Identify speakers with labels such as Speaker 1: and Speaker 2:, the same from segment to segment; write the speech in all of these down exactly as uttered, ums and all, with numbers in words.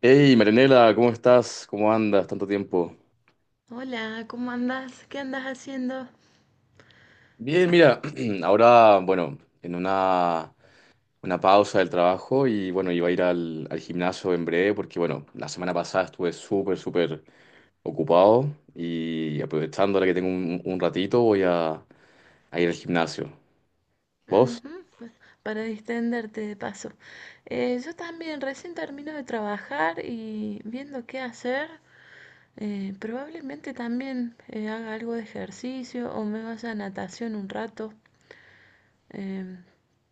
Speaker 1: Hey, Marianela, ¿cómo estás? ¿Cómo andas? Tanto tiempo.
Speaker 2: Hola, ¿cómo andás? ¿Qué andas haciendo?
Speaker 1: Bien, mira, ahora, bueno, en una, una pausa del trabajo y bueno, iba a ir al, al gimnasio en breve porque, bueno, la semana pasada estuve súper, súper ocupado y aprovechando ahora que tengo un, un ratito voy a, a ir al gimnasio. ¿Vos?
Speaker 2: Ujú, pues, para distenderte de paso. Eh, yo también recién termino de trabajar y viendo qué hacer, eh, probablemente también eh, haga algo de ejercicio o me vaya a natación un rato. Em,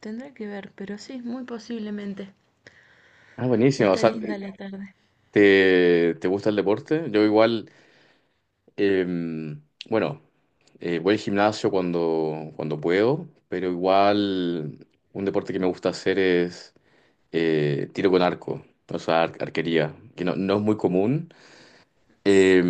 Speaker 2: Tendré que ver, pero sí, muy posiblemente.
Speaker 1: Ah, buenísimo. O
Speaker 2: Está
Speaker 1: sea,
Speaker 2: linda la tarde.
Speaker 1: ¿te, te gusta el deporte? Yo igual, em, bueno. Eh, voy al gimnasio cuando, cuando puedo, pero igual un deporte que me gusta hacer es eh, tiro con arco, o sea, ar- arquería, que no, no es muy común, eh,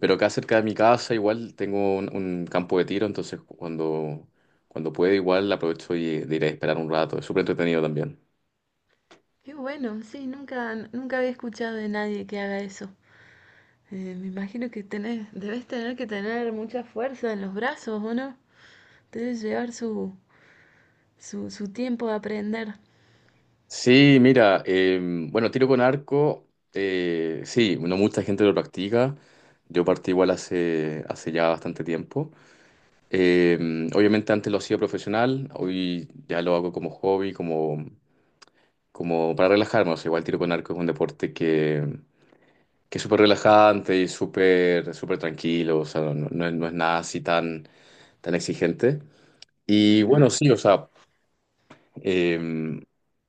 Speaker 1: pero acá cerca de mi casa igual tengo un, un campo de tiro, entonces cuando, cuando puedo igual aprovecho y, de ir a esperar un rato, es súper entretenido también.
Speaker 2: Qué bueno, sí, nunca, nunca había escuchado de nadie que haga eso. Eh, me imagino que tenés, debes tener que tener mucha fuerza en los brazos, ¿o no? Debe llevar su, su, su tiempo de aprender.
Speaker 1: Sí, mira, eh, bueno, tiro con arco, eh, sí, no mucha gente lo practica, yo partí igual hace, hace ya bastante tiempo. Eh, Obviamente antes lo hacía profesional, hoy ya lo hago como hobby, como, como para relajarme. O sea, igual tiro con arco es un deporte que, que es súper relajante y súper súper tranquilo, o sea, no, no es, no es nada así tan, tan exigente. Y bueno,
Speaker 2: Ajá,
Speaker 1: sí, o sea, eh,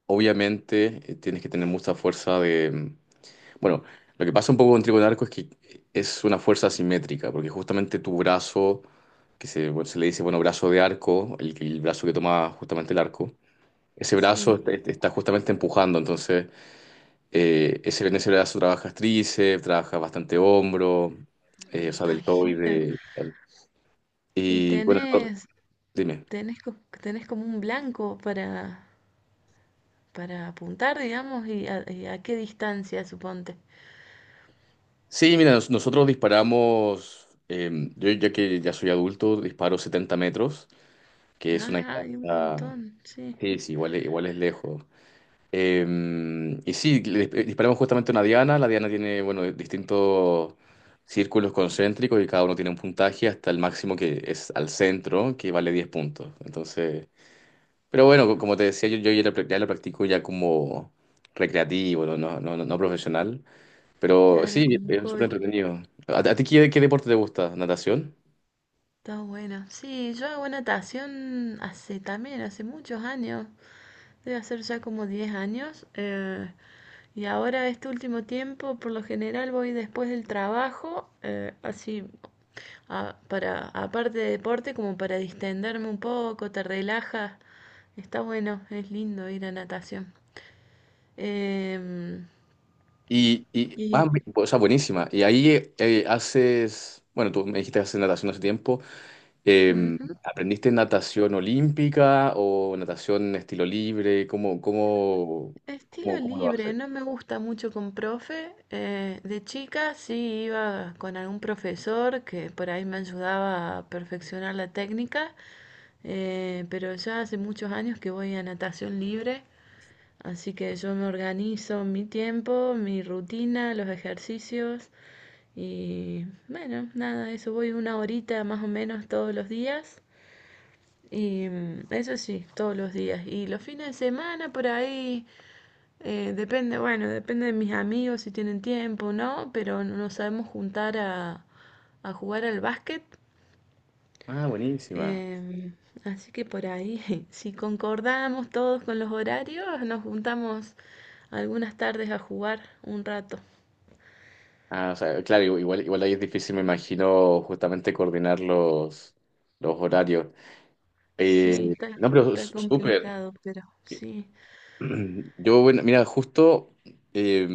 Speaker 1: obviamente eh, tienes que tener mucha fuerza de, bueno, lo que pasa un poco con Trigo arco es que es una fuerza asimétrica, porque justamente tu brazo, que se, bueno, se le dice, bueno, brazo de arco, el, el brazo que toma justamente el arco, ese brazo
Speaker 2: sí,
Speaker 1: está, está justamente empujando, entonces eh, ese, en ese brazo trabajas tríceps, trabajas bastante hombro,
Speaker 2: me
Speaker 1: eh, o sea,
Speaker 2: imagino.
Speaker 1: deltoide, tal.
Speaker 2: ¿Y
Speaker 1: Y bueno, no,
Speaker 2: tenés,
Speaker 1: dime.
Speaker 2: tenés, co- tenés como un blanco para, para apuntar, digamos, y a, y a qué distancia, suponte?
Speaker 1: Sí, mira, nos- nosotros disparamos, eh, yo ya que ya soy adulto, disparo setenta metros, que es una
Speaker 2: Ah, hay un
Speaker 1: distancia.
Speaker 2: montón, sí,
Speaker 1: Sí, sí, igual, es- igual es lejos. Eh, y sí, le dis- disparamos justamente una diana. La diana tiene, bueno, distintos círculos concéntricos y cada uno tiene un puntaje hasta el máximo que es al centro, que vale diez puntos. Entonces, pero bueno, co- como te decía, yo, yo ya, lo, prac- ya lo practico ya como recreativo, no, no, no, no profesional. Pero
Speaker 2: claro,
Speaker 1: sí,
Speaker 2: como un
Speaker 1: es súper
Speaker 2: hobby.
Speaker 1: entretenido. ¿A, a ti qué, qué deporte te gusta? ¿Natación?
Speaker 2: Está bueno. Sí, yo hago natación hace también, hace muchos años. Debe hacer ya como diez años. Eh, y ahora este último tiempo, por lo general, voy después del trabajo, eh, así, a- para, aparte de deporte, como para distenderme un poco, te relajas. Está bueno, es lindo ir a natación. Em,
Speaker 1: Y, y ah,
Speaker 2: y,
Speaker 1: bu- o sea, buenísima. Y ahí eh, haces, bueno, tú me dijiste que haces natación hace tiempo. Eh,
Speaker 2: Ujú.
Speaker 1: ¿Aprendiste natación olímpica o natación estilo libre? ¿Cómo, cómo, cómo,
Speaker 2: Estilo
Speaker 1: cómo lo
Speaker 2: libre,
Speaker 1: haces?
Speaker 2: no me gusta mucho con profe. Eh, de chica sí iba con algún profesor que por ahí me ayudaba a perfeccionar la técnica, eh, pero ya hace muchos años que voy a natación libre, así que yo me organizo mi tiempo, mi rutina, los ejercicios y bueno, nada, eso voy una horita más o menos todos los días. Y mm, eso sí, todos los días. Y los fines de semana por ahí eh, depende, bueno, depende de mis amigos si tienen tiempo o no, pero nos sabemos juntar a, a jugar al básquet.
Speaker 1: Ah, buenísima.
Speaker 2: Em, Así que por ahí, si concordamos todos con los horarios, nos juntamos algunas tardes a jugar un rato.
Speaker 1: Ah, o sea, claro, igual, igual ahí es difícil, me imagino, justamente coordinar los, los horarios.
Speaker 2: Sí,
Speaker 1: Eh,
Speaker 2: está,
Speaker 1: no, pero
Speaker 2: está
Speaker 1: s- súper.
Speaker 2: complicado, pero sí.
Speaker 1: Yo, bueno, mira, justo, eh,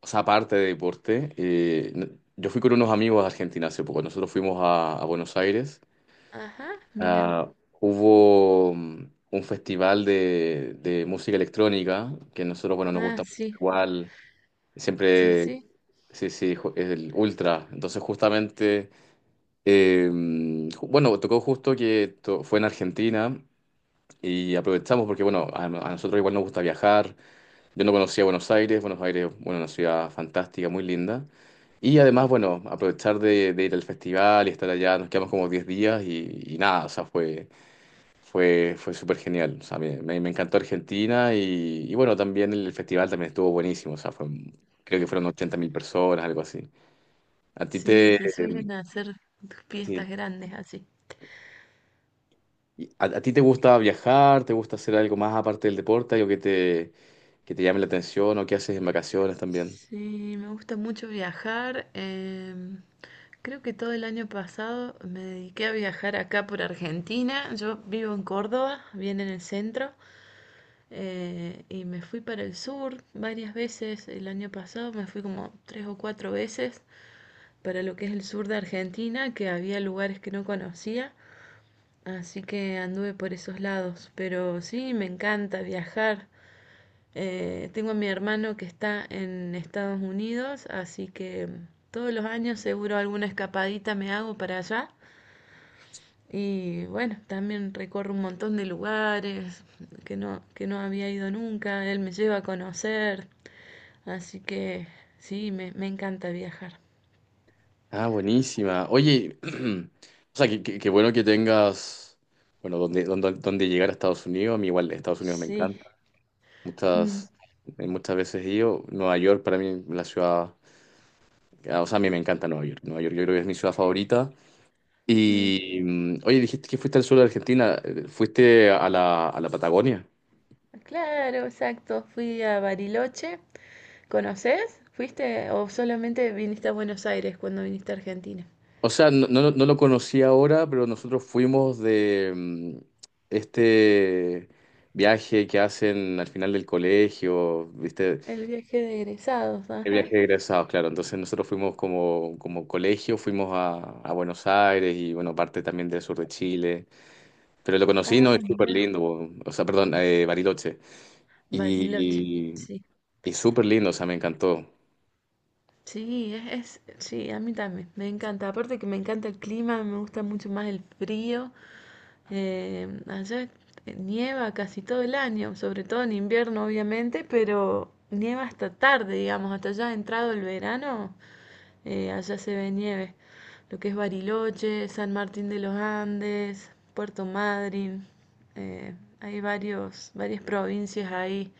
Speaker 1: o sea, aparte de deporte, eh, yo fui con unos amigos a Argentina hace poco. Nosotros fuimos a a Buenos Aires.
Speaker 2: Ajá, mira.
Speaker 1: Ah, hubo mm, un festival de, de música electrónica que nosotros, bueno, nos
Speaker 2: Ah,
Speaker 1: gusta mucho
Speaker 2: sí,
Speaker 1: igual,
Speaker 2: sí,
Speaker 1: siempre,
Speaker 2: sí.
Speaker 1: sí, sí, ju- es el ultra. Entonces, justamente, eh, mm, ju- bueno, tocó justo que to- fue en Argentina y aprovechamos porque, bueno, a, a nosotros igual nos gusta viajar. Yo no conocía Buenos Aires, Buenos Aires, bueno, una ciudad fantástica, muy linda. Y además, bueno, aprovechar de, de ir al festival y estar allá, nos quedamos como diez días y, y nada, o sea, fue. Fue, fue súper genial. O sea, me, me- me encantó Argentina y, y bueno, también el festival también estuvo buenísimo. O sea, fue, creo que
Speaker 2: Mm.
Speaker 1: fueron ochenta mil personas, algo así. ¿A ti
Speaker 2: Sí,
Speaker 1: te,
Speaker 2: se suelen hacer
Speaker 1: sí.
Speaker 2: fiestas grandes así.
Speaker 1: ¿Y ¿A, a ti te gusta viajar? ¿Te gusta hacer algo más aparte del deporte? ¿Algo que te, que te llame la atención o que haces en vacaciones también?
Speaker 2: Sí, me gusta mucho viajar. Em, creo que todo el año pasado me dediqué a viajar acá por Argentina. Yo vivo en Córdoba, bien en el centro, eh, y me fui para el sur varias veces. El año pasado me fui como tres o cuatro veces para lo que es el sur de Argentina, que había lugares que no conocía. Así que anduve por esos lados. Pero sí, me encanta viajar. Eh, tengo a mi hermano que está en Estados Unidos, así que todos los años seguro alguna escapadita me hago para allá. Y bueno, también recorro un montón de lugares que no, que no había ido nunca. Él me lleva a conocer, así que sí, me, me encanta viajar.
Speaker 1: Ah, buenísima. Oye, o sea, que, que- que bueno que tengas, bueno, donde, donde, donde llegar a Estados Unidos. A mí igual Estados Unidos me
Speaker 2: Sí.
Speaker 1: encanta.
Speaker 2: Mm,
Speaker 1: Muchas, eh, muchas veces he ido. Nueva York para mí, la ciudad ya, o sea, a mí me encanta Nueva York. Nueva York yo creo que es mi ciudad favorita. Y,
Speaker 2: ujú.
Speaker 1: mm, oye, dijiste que fuiste al sur de Argentina. Eh, ¿Fuiste a la, a la Patagonia?
Speaker 2: Claro, exacto. Fui a Bariloche. ¿Conoces? ¿Fuiste o solamente viniste a Buenos Aires cuando viniste a Argentina?
Speaker 1: O sea, no, no, no lo conocí ahora, pero nosotros fuimos de mm, este viaje que hacen al final del colegio, ¿viste?
Speaker 2: El viaje de egresados,
Speaker 1: El
Speaker 2: ajá.
Speaker 1: viaje de egresados, claro. Entonces nosotros fuimos como, como colegio, fuimos a, a Buenos Aires y, bueno, parte también del sur de Chile. Pero lo conocí,
Speaker 2: Ah,
Speaker 1: ¿no? Es súper
Speaker 2: mira,
Speaker 1: lindo. O sea, perdón, eh, Bariloche.
Speaker 2: Bariloche.
Speaker 1: Y
Speaker 2: Sí,
Speaker 1: y súper lindo, o sea, me encantó.
Speaker 2: sí, es, es- sí, a mí también, me encanta. Aparte que me encanta el clima, me gusta mucho más el frío. Eh, allá eh, nieva casi todo el año, sobre todo en invierno, obviamente, pero nieva hasta tarde, digamos, hasta ya entrado el verano, eh, allá se ve nieve. Lo que es Bariloche, San Martín de los Andes, Puerto Madryn. eh, Hay varios, varias provincias ahí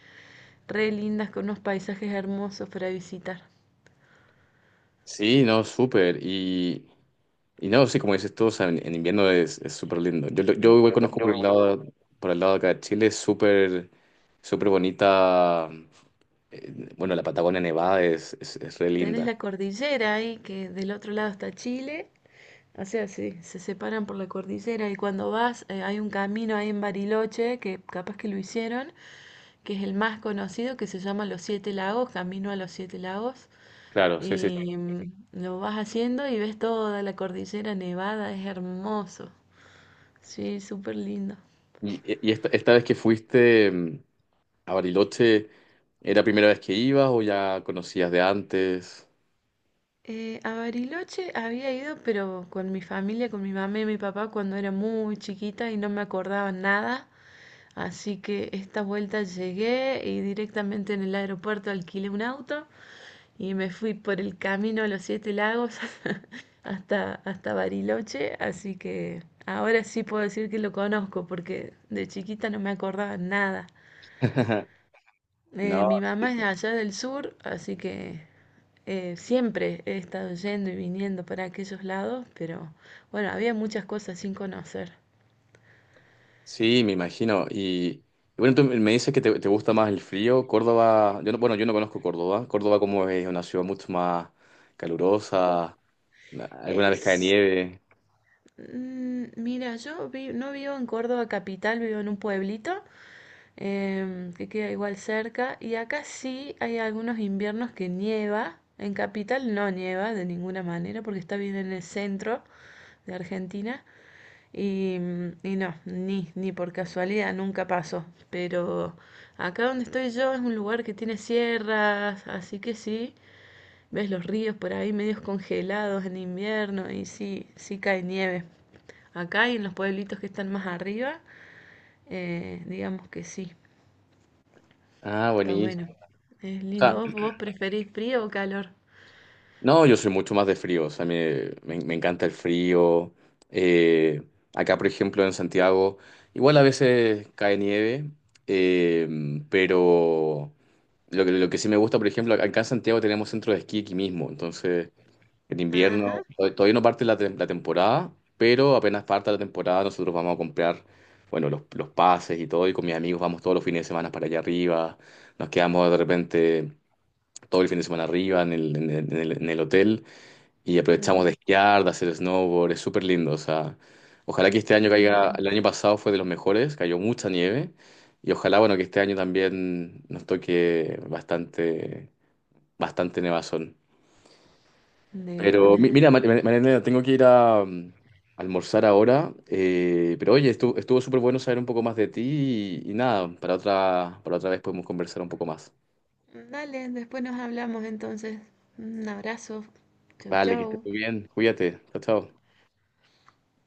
Speaker 2: re lindas con unos paisajes hermosos para visitar.
Speaker 1: Sí, no, súper. Y, y no, sí, como dices tú, o sea, en, en invierno es, es súper lindo. Yo, lo- yo
Speaker 2: No,
Speaker 1: igual
Speaker 2: Yo,
Speaker 1: conozco por
Speaker 2: yo
Speaker 1: el
Speaker 2: igual conozco.
Speaker 1: lado, por el lado de acá de Chile, es súper, súper bonita. eh, Bueno, la Patagonia Nevada es, es, es re
Speaker 2: Tenés
Speaker 1: linda.
Speaker 2: la cordillera ahí, que del otro lado está Chile. O sea, sí, se separan por la cordillera y cuando vas eh, hay un camino ahí en Bariloche, que capaz que lo hicieron, que es el más conocido, que se llama Los Siete Lagos, Camino a los Siete Lagos.
Speaker 1: Claro, sí, sí. Sí.
Speaker 2: Y mm, lo vas haciendo y ves toda la cordillera nevada, es hermoso. Sí, súper lindo.
Speaker 1: Y, e, y esta, esta vez que fuiste mm, a Bariloche, ¿era la primera vez que ibas o ya conocías de antes?
Speaker 2: Eh, a Bariloche había ido, pero con mi familia, con mi mamá y mi papá cuando era muy chiquita y no me acordaba nada. Así que esta vuelta llegué y directamente en el aeropuerto alquilé un auto y me fui por el camino a los Siete Lagos hasta, hasta Bariloche. Así que ahora sí puedo decir que lo conozco porque de chiquita no me acordaba nada. Eh,
Speaker 1: No.
Speaker 2: mi mamá es de allá del sur, así que eh, siempre he estado yendo y viniendo para aquellos lados, pero bueno, había muchas cosas sin conocer.
Speaker 1: Sí, me imagino. Y, y bueno, tú me dices que te, te gusta más el frío. Córdoba, yo no, bueno, yo no conozco Córdoba. Córdoba como es una ciudad mucho más
Speaker 2: Ju-
Speaker 1: calurosa, alguna vez cae
Speaker 2: Es,
Speaker 1: nieve.
Speaker 2: mm, Mira, yo vi- no vivo en Córdoba capital, vivo en un pueblito em, que queda igual cerca y acá sí hay algunos inviernos que nieva. En capital no nieva de ninguna manera porque está bien en el centro de Argentina. Y y no, ni, ni por casualidad nunca pasó. Pero acá donde estoy yo es un lugar que tiene sierras, así que sí, ves los ríos por ahí medios congelados en invierno y sí, sí cae nieve. Acá y en los pueblitos que están más arriba, eh, digamos que sí,
Speaker 1: Ah,
Speaker 2: está bueno.
Speaker 1: buenísimo.
Speaker 2: Es
Speaker 1: O
Speaker 2: lindo.
Speaker 1: sea,
Speaker 2: ¿Vos, vos preferís frío o calor?
Speaker 1: no, yo soy mucho más de frío, o sea, me, me- me encanta el frío. Eh, Acá, por ejemplo, en Santiago, igual a veces cae nieve, eh, pero lo que, lo que sí me gusta, por ejemplo, acá en Santiago tenemos centro de esquí aquí mismo, entonces. En
Speaker 2: Ajá,
Speaker 1: invierno, to- todavía no parte la, tem- la temporada, pero apenas parta la temporada, nosotros vamos a comprar, bueno, los, los pases y todo, y con mis amigos vamos todos los fines de semana para allá arriba, nos quedamos de repente todo el fin de semana arriba en el, en el- en el- en el hotel y aprovechamos
Speaker 2: mm,
Speaker 1: de esquiar, de hacer snowboard, es súper lindo, o sea, ojalá que este año
Speaker 2: qué
Speaker 1: caiga,
Speaker 2: bueno.
Speaker 1: el año pasado fue de los mejores, cayó mucha nieve, y ojalá, bueno, que este año también nos toque bastante, bastante nevazón.
Speaker 2: De
Speaker 1: Pero mi-
Speaker 2: una.
Speaker 1: mira, Ma- Ma- Marianela, tengo que ir a, mm, almorzar ahora. Eh, pero oye, estuvo, estuvo súper bueno saber un poco más de ti y, y nada, para otra, para otra vez podemos conversar un poco más.
Speaker 2: Dale, después nos hablamos entonces. Un abrazo. Chau,
Speaker 1: Vale, que estés
Speaker 2: chau.
Speaker 1: muy bien. Cuídate. Chao, chao.